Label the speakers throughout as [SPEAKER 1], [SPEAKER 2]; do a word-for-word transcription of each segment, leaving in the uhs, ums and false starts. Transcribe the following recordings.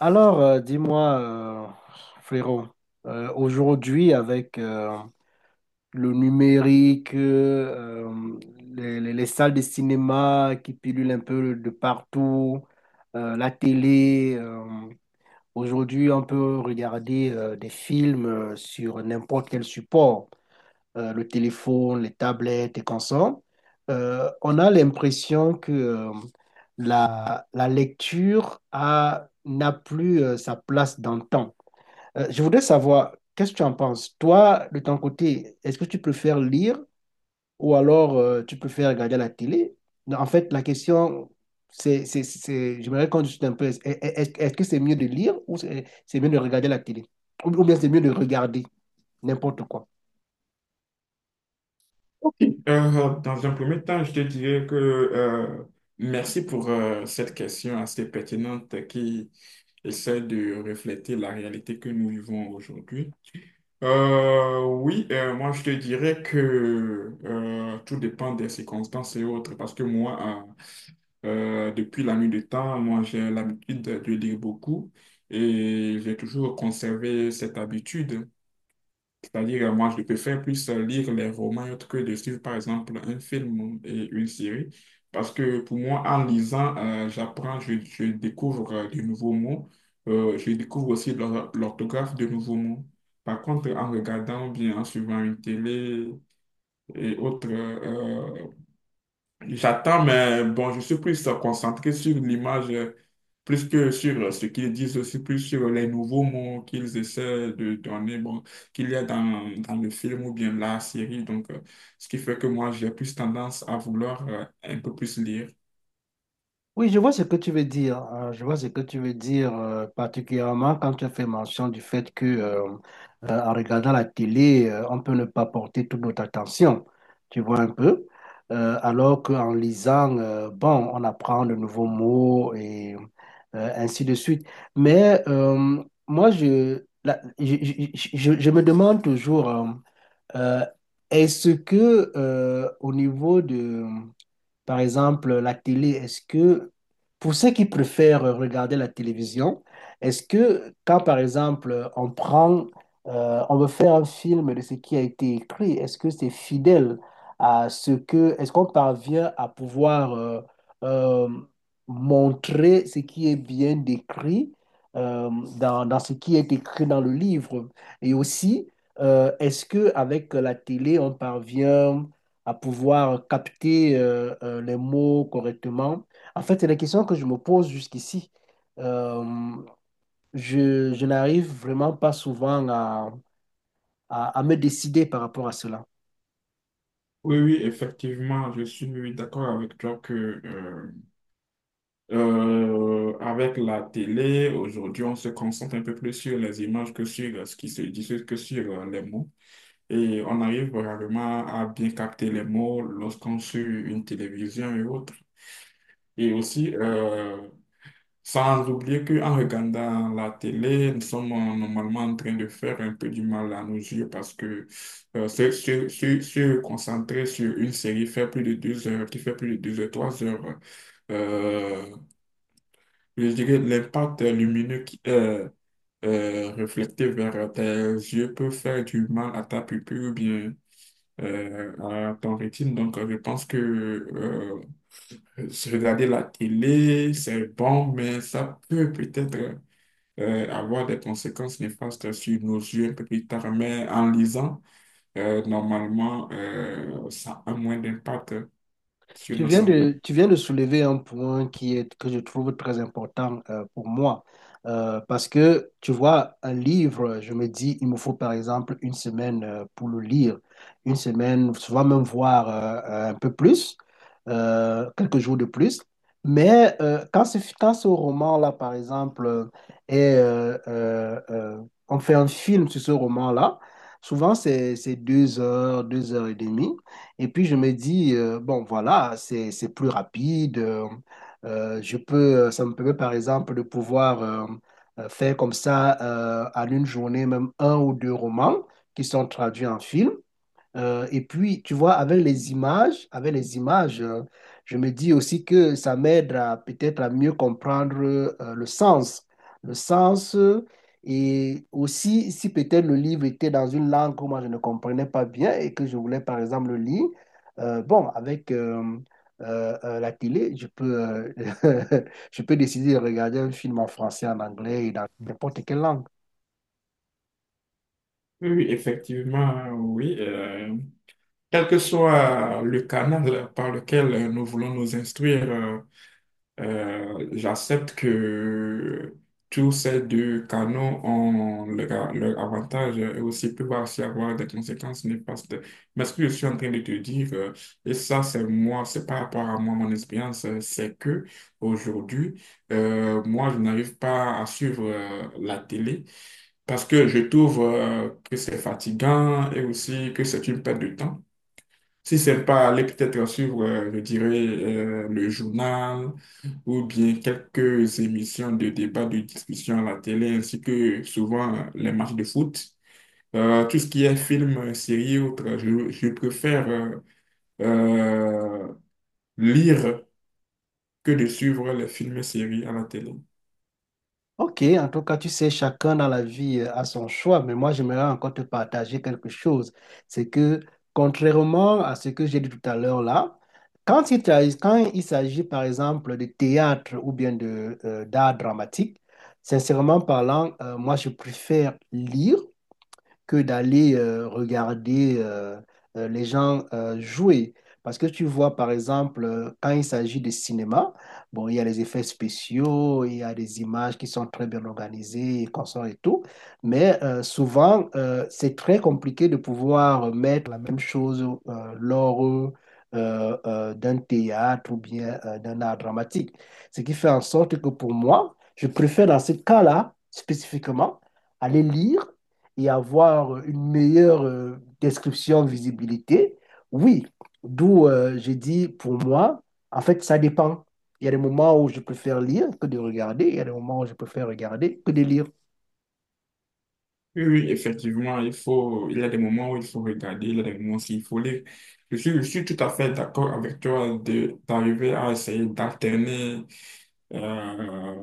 [SPEAKER 1] Alors, euh, dis-moi, euh, frérot, euh, aujourd'hui, avec euh, le numérique, euh, euh, les, les- les salles de cinéma qui pilulent un peu de partout, euh, la télé, euh, aujourd'hui, on peut regarder euh, des films euh, sur n'importe quel support, euh, le téléphone, les tablettes et consorts, euh, on a l'impression que euh, la, la lecture a, n'a plus euh, sa place dans le temps. Euh, je voudrais savoir, qu'est-ce que tu en penses? Toi, de ton côté, est-ce que tu préfères lire ou alors euh, tu préfères regarder la télé? Non, en fait, la question, c'est, c'est, c'est, j'aimerais qu'on discute un peu. Est-ce est-ce- est-ce que c'est mieux de lire ou c'est c'est mieux de regarder la télé? Ou ou bien c'est mieux de regarder n'importe quoi?
[SPEAKER 2] Euh, dans un premier temps, je te dirais que euh, merci pour euh, cette question assez pertinente qui essaie de refléter la réalité que nous vivons aujourd'hui. Euh, oui, euh, moi je te dirais que euh, tout dépend des circonstances et autres, parce que moi, euh, euh, depuis la nuit du temps, moi j'ai l'habitude de lire beaucoup et j'ai toujours conservé cette habitude. C'est-à-dire, euh, moi, je préfère plus euh, lire les romans et autres que de suivre, par exemple, un film et une série. Parce que pour moi, en lisant, euh, j'apprends, je, je découvre euh, de nouveaux mots. Euh, je découvre aussi l'or- l'orthographe de nouveaux mots. Par contre, en regardant ou bien en suivant une télé et autres euh, j'attends, mais bon, je suis plus euh, concentré sur l'image, euh, plus que sur euh, ce qu'ils disent aussi, plus sur les nouveaux mots qu'ils essaient de donner, bon, qu'il y a dans, dans le film ou bien la série. Donc, euh, ce qui fait que moi, j'ai plus tendance à vouloir euh, un peu plus lire.
[SPEAKER 1] Oui, je vois ce que tu veux dire. Euh, je vois ce que tu veux dire, euh, particulièrement quand tu as fait mention du fait que, euh, euh, en regardant la télé, euh, on peut ne pas porter toute notre attention. Tu vois un peu. Euh, alors qu'en lisant, euh, bon, on apprend de nouveaux mots et euh, ainsi de suite. Mais euh, moi, je, la- je, je- je- je me demande toujours, euh, euh, est-ce que euh, au niveau de par exemple, la télé, est-ce que, pour ceux qui préfèrent regarder la télévision, est-ce que quand, par exemple, on prend, euh, on veut faire un film de ce qui a été écrit, est-ce que c'est fidèle à ce que, est-ce qu'on parvient à pouvoir euh, euh, montrer ce qui est bien décrit euh, dans, dans ce qui est écrit dans le livre? Et aussi, euh, est-ce que avec la télé, on parvient à pouvoir capter euh, euh, les mots correctement. En fait, c'est la question que je me pose jusqu'ici. Euh, je, je n'arrive vraiment pas souvent à, à, à me décider par rapport à cela.
[SPEAKER 2] Oui, oui, effectivement, je suis d'accord avec toi que euh, euh, avec la télé, aujourd'hui, on se concentre un peu plus sur les images que sur euh, ce qui se dit que sur euh, les mots. Et on arrive vraiment à bien capter les mots lorsqu'on suit une télévision et autres. Et aussi, euh, sans oublier qu'en regardant la télé, nous sommes euh, normalement en train de faire un peu du mal à nos yeux parce que euh, se, se- se- se concentrer sur une série fait plus de deux heures, qui fait plus de deux heures, trois heures, euh, je dirais l'impact lumineux qui est euh, reflété vers tes yeux peut faire du mal à ta pupille ou bien euh, à ton rythme. Donc, euh, je pense que euh, regarder la télé, c'est bon, mais ça peut peut-être euh, avoir des conséquences néfastes sur nos yeux un peu plus tard. Mais en lisant, euh, normalement, euh, ça a moins d'impact sur
[SPEAKER 1] Tu
[SPEAKER 2] nos
[SPEAKER 1] viens
[SPEAKER 2] santé.
[SPEAKER 1] de, tu viens de soulever un point qui est, que je trouve très important euh, pour moi. Euh, parce que, tu vois, un livre, je me dis, il me faut par exemple une semaine euh, pour le lire, une semaine, souvent même voir euh, un peu plus, euh, quelques jours de plus. Mais euh, quand ce, quand ce roman-là, par exemple, euh, est, euh, euh, euh, on fait un film sur ce roman-là, souvent c'est c'est deux heures, deux heures et demie. Et puis je me dis, euh, bon, voilà, c'est, c'est plus rapide. Euh, euh, je peux, ça me permet par exemple de pouvoir euh, euh, faire comme ça euh, en une journée, même un ou deux romans qui sont traduits en film. Euh, et puis, tu vois, avec les images, avec les images, euh, je me dis aussi que ça m'aide à peut-être à mieux comprendre euh, le sens, le sens. Euh, et aussi, si peut-être le livre était dans une langue que moi je ne comprenais pas bien et que je voulais par exemple le lire, euh, bon, avec euh, euh, euh, la télé, je peux, euh, je peux décider de regarder un film en français, en anglais et dans n'importe quelle langue.
[SPEAKER 2] Oui, oui, effectivement, oui. euh, quel que soit le canal par lequel nous voulons nous instruire, euh, Euh, j'accepte que tous ces deux canaux ont leur, leur avantage et aussi peuvent aussi avoir des conséquences néfastes. Mais ce que je suis en train de te dire, euh, et ça c'est moi, c'est par rapport à moi, mon expérience, euh, c'est que aujourd'hui, euh, moi je n'arrive pas à suivre euh, la télé parce que je trouve euh, que c'est fatigant et aussi que c'est une perte de temps. Si c'est pas aller peut-être suivre, euh, je dirais, euh, le journal ou bien quelques émissions de débat, de discussion à la télé, ainsi que souvent euh, les matchs de foot. Euh, tout ce qui est film, euh, série, autre, je, je préfère euh, euh, lire que de suivre les films et séries à la télé.
[SPEAKER 1] Ok, en tout cas, tu sais, chacun dans la vie euh, a son choix, mais moi, j'aimerais encore te partager quelque chose. C'est que, contrairement à ce que j'ai dit tout à l'heure là, quand il, tra- quand il s'agit, par exemple, de théâtre ou bien de, euh, d'art dramatique, sincèrement parlant, euh, moi, je préfère lire que d'aller euh, regarder euh, euh, les gens euh, jouer. Parce que tu vois, par exemple, euh, quand il s'agit de cinéma, bon, il y a les effets spéciaux, il y a des images qui sont très bien organisées, et consoles et tout, mais euh, souvent, euh, c'est très compliqué de pouvoir mettre la même chose euh, lors euh, euh, d'un théâtre ou bien euh, d'un art dramatique. Ce qui fait en sorte que pour moi, je préfère dans ce cas-là, spécifiquement, aller lire et avoir une meilleure euh, description de visibilité, oui. D'où euh, j'ai dit, pour moi, en fait, ça dépend. Il y a des moments où je préfère lire que de regarder, il y a des moments où je préfère regarder que de lire.
[SPEAKER 2] Oui, oui, effectivement, il faut, il y a des moments où il faut regarder, il y a des moments où il faut lire. Je suis, je suis tout à fait d'accord avec toi de, d'arriver à essayer d'alterner euh,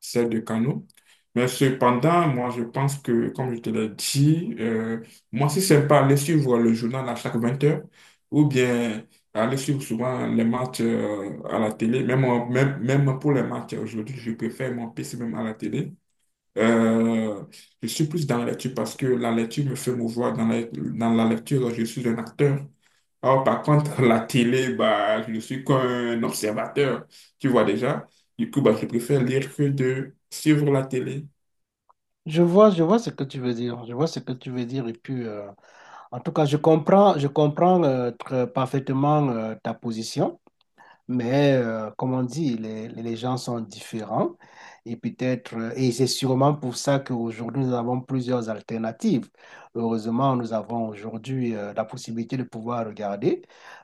[SPEAKER 2] ces deux canaux. Mais cependant, moi, je pense que, comme je te l'ai dit, euh, moi, si c'est pas aller suivre le journal à chaque vingt heures, ou bien aller suivre souvent les matchs euh, à la télé, même, en- même, même pour les matchs aujourd'hui, je préfère mon P C même à la télé. Euh, je suis plus dans la lecture parce que la lecture me fait mouvoir. Dans la, dans la lecture, je suis un acteur. Alors, par contre, la télé, bah, je suis comme un observateur. Tu vois déjà? Du coup, bah, je préfère lire que de suivre la télé.
[SPEAKER 1] Je vois, je vois ce que tu veux dire. Je vois ce que tu veux dire. Et puis, euh, en tout cas, je comprends, je comprends euh, très parfaitement euh, ta position. Mais euh, comme on dit, les, les gens sont différents et peut-être, euh, et c'est sûrement pour ça qu'aujourd'hui, nous avons plusieurs alternatives. Heureusement, nous avons aujourd'hui euh, la possibilité de pouvoir regarder,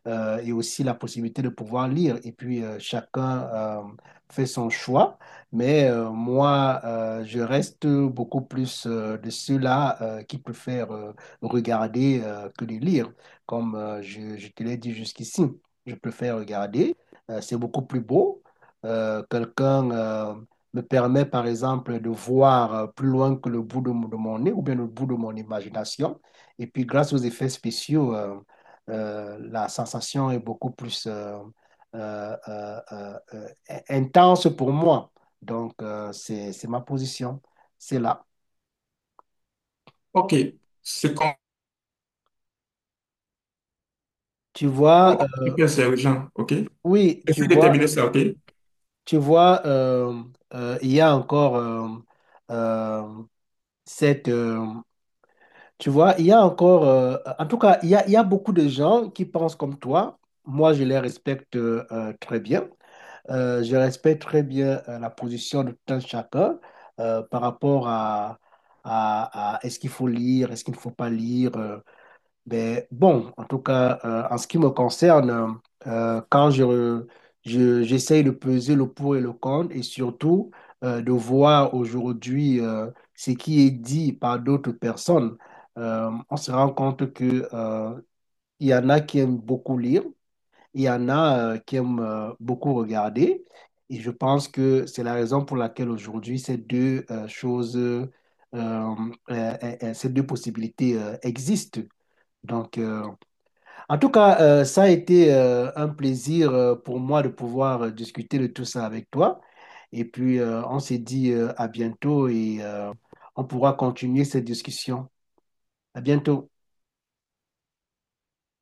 [SPEAKER 1] euh, et aussi la possibilité de pouvoir lire. Et puis, euh, chacun euh, fait son choix. Mais euh, moi, euh, je reste beaucoup plus euh, de ceux-là euh, qui préfèrent euh, regarder euh, que de lire, comme euh, je, je te l'ai dit jusqu'ici. Je préfère regarder, euh, c'est beaucoup plus beau. Euh, quelqu'un euh, me permet, par exemple, de voir euh, plus loin que le bout de, mon de mon nez ou bien le bout de mon imagination. Et puis, grâce aux effets spéciaux, euh, euh, la sensation est beaucoup plus euh, euh, euh, euh, euh, intense pour moi. Donc, euh, c'est, c'est ma position. C'est là.
[SPEAKER 2] OK. C'est qu'on
[SPEAKER 1] Tu vois,
[SPEAKER 2] on-
[SPEAKER 1] euh,
[SPEAKER 2] on peut faire c'est aux gens, OK?
[SPEAKER 1] oui, tu
[SPEAKER 2] Essaye de
[SPEAKER 1] vois,
[SPEAKER 2] terminer ça. OK?
[SPEAKER 1] tu vois, euh, euh, il y a encore euh, euh, cette... euh, Tu vois, il y a encore, euh, en tout cas, il y a, il y a beaucoup de gens qui pensent comme toi. Moi, je les respecte euh, euh, très bien. Euh, je respecte très bien euh, la position de tout un chacun euh, par rapport à, à, à est-ce qu'il faut lire, est-ce qu'il ne faut pas lire. euh. Ben bon, en tout cas, euh, en ce qui me concerne, euh, quand je, re- je- j'essaye de peser le pour et le contre et surtout euh, de voir aujourd'hui euh, ce qui est dit par d'autres personnes. Euh, on se rend compte que euh, il y en a qui aiment beaucoup lire, il y en a euh, qui aiment euh, beaucoup regarder. Et je pense que c'est la raison pour laquelle aujourd'hui ces deux euh, choses, euh, euh, euh, euh, ces deux possibilités euh, existent. Donc, euh, en tout cas, euh, ça a été euh, un plaisir euh, pour moi de pouvoir euh, discuter de tout ça avec toi. Et puis, euh, on s'est dit euh, à bientôt et euh, on pourra continuer cette discussion. À bientôt.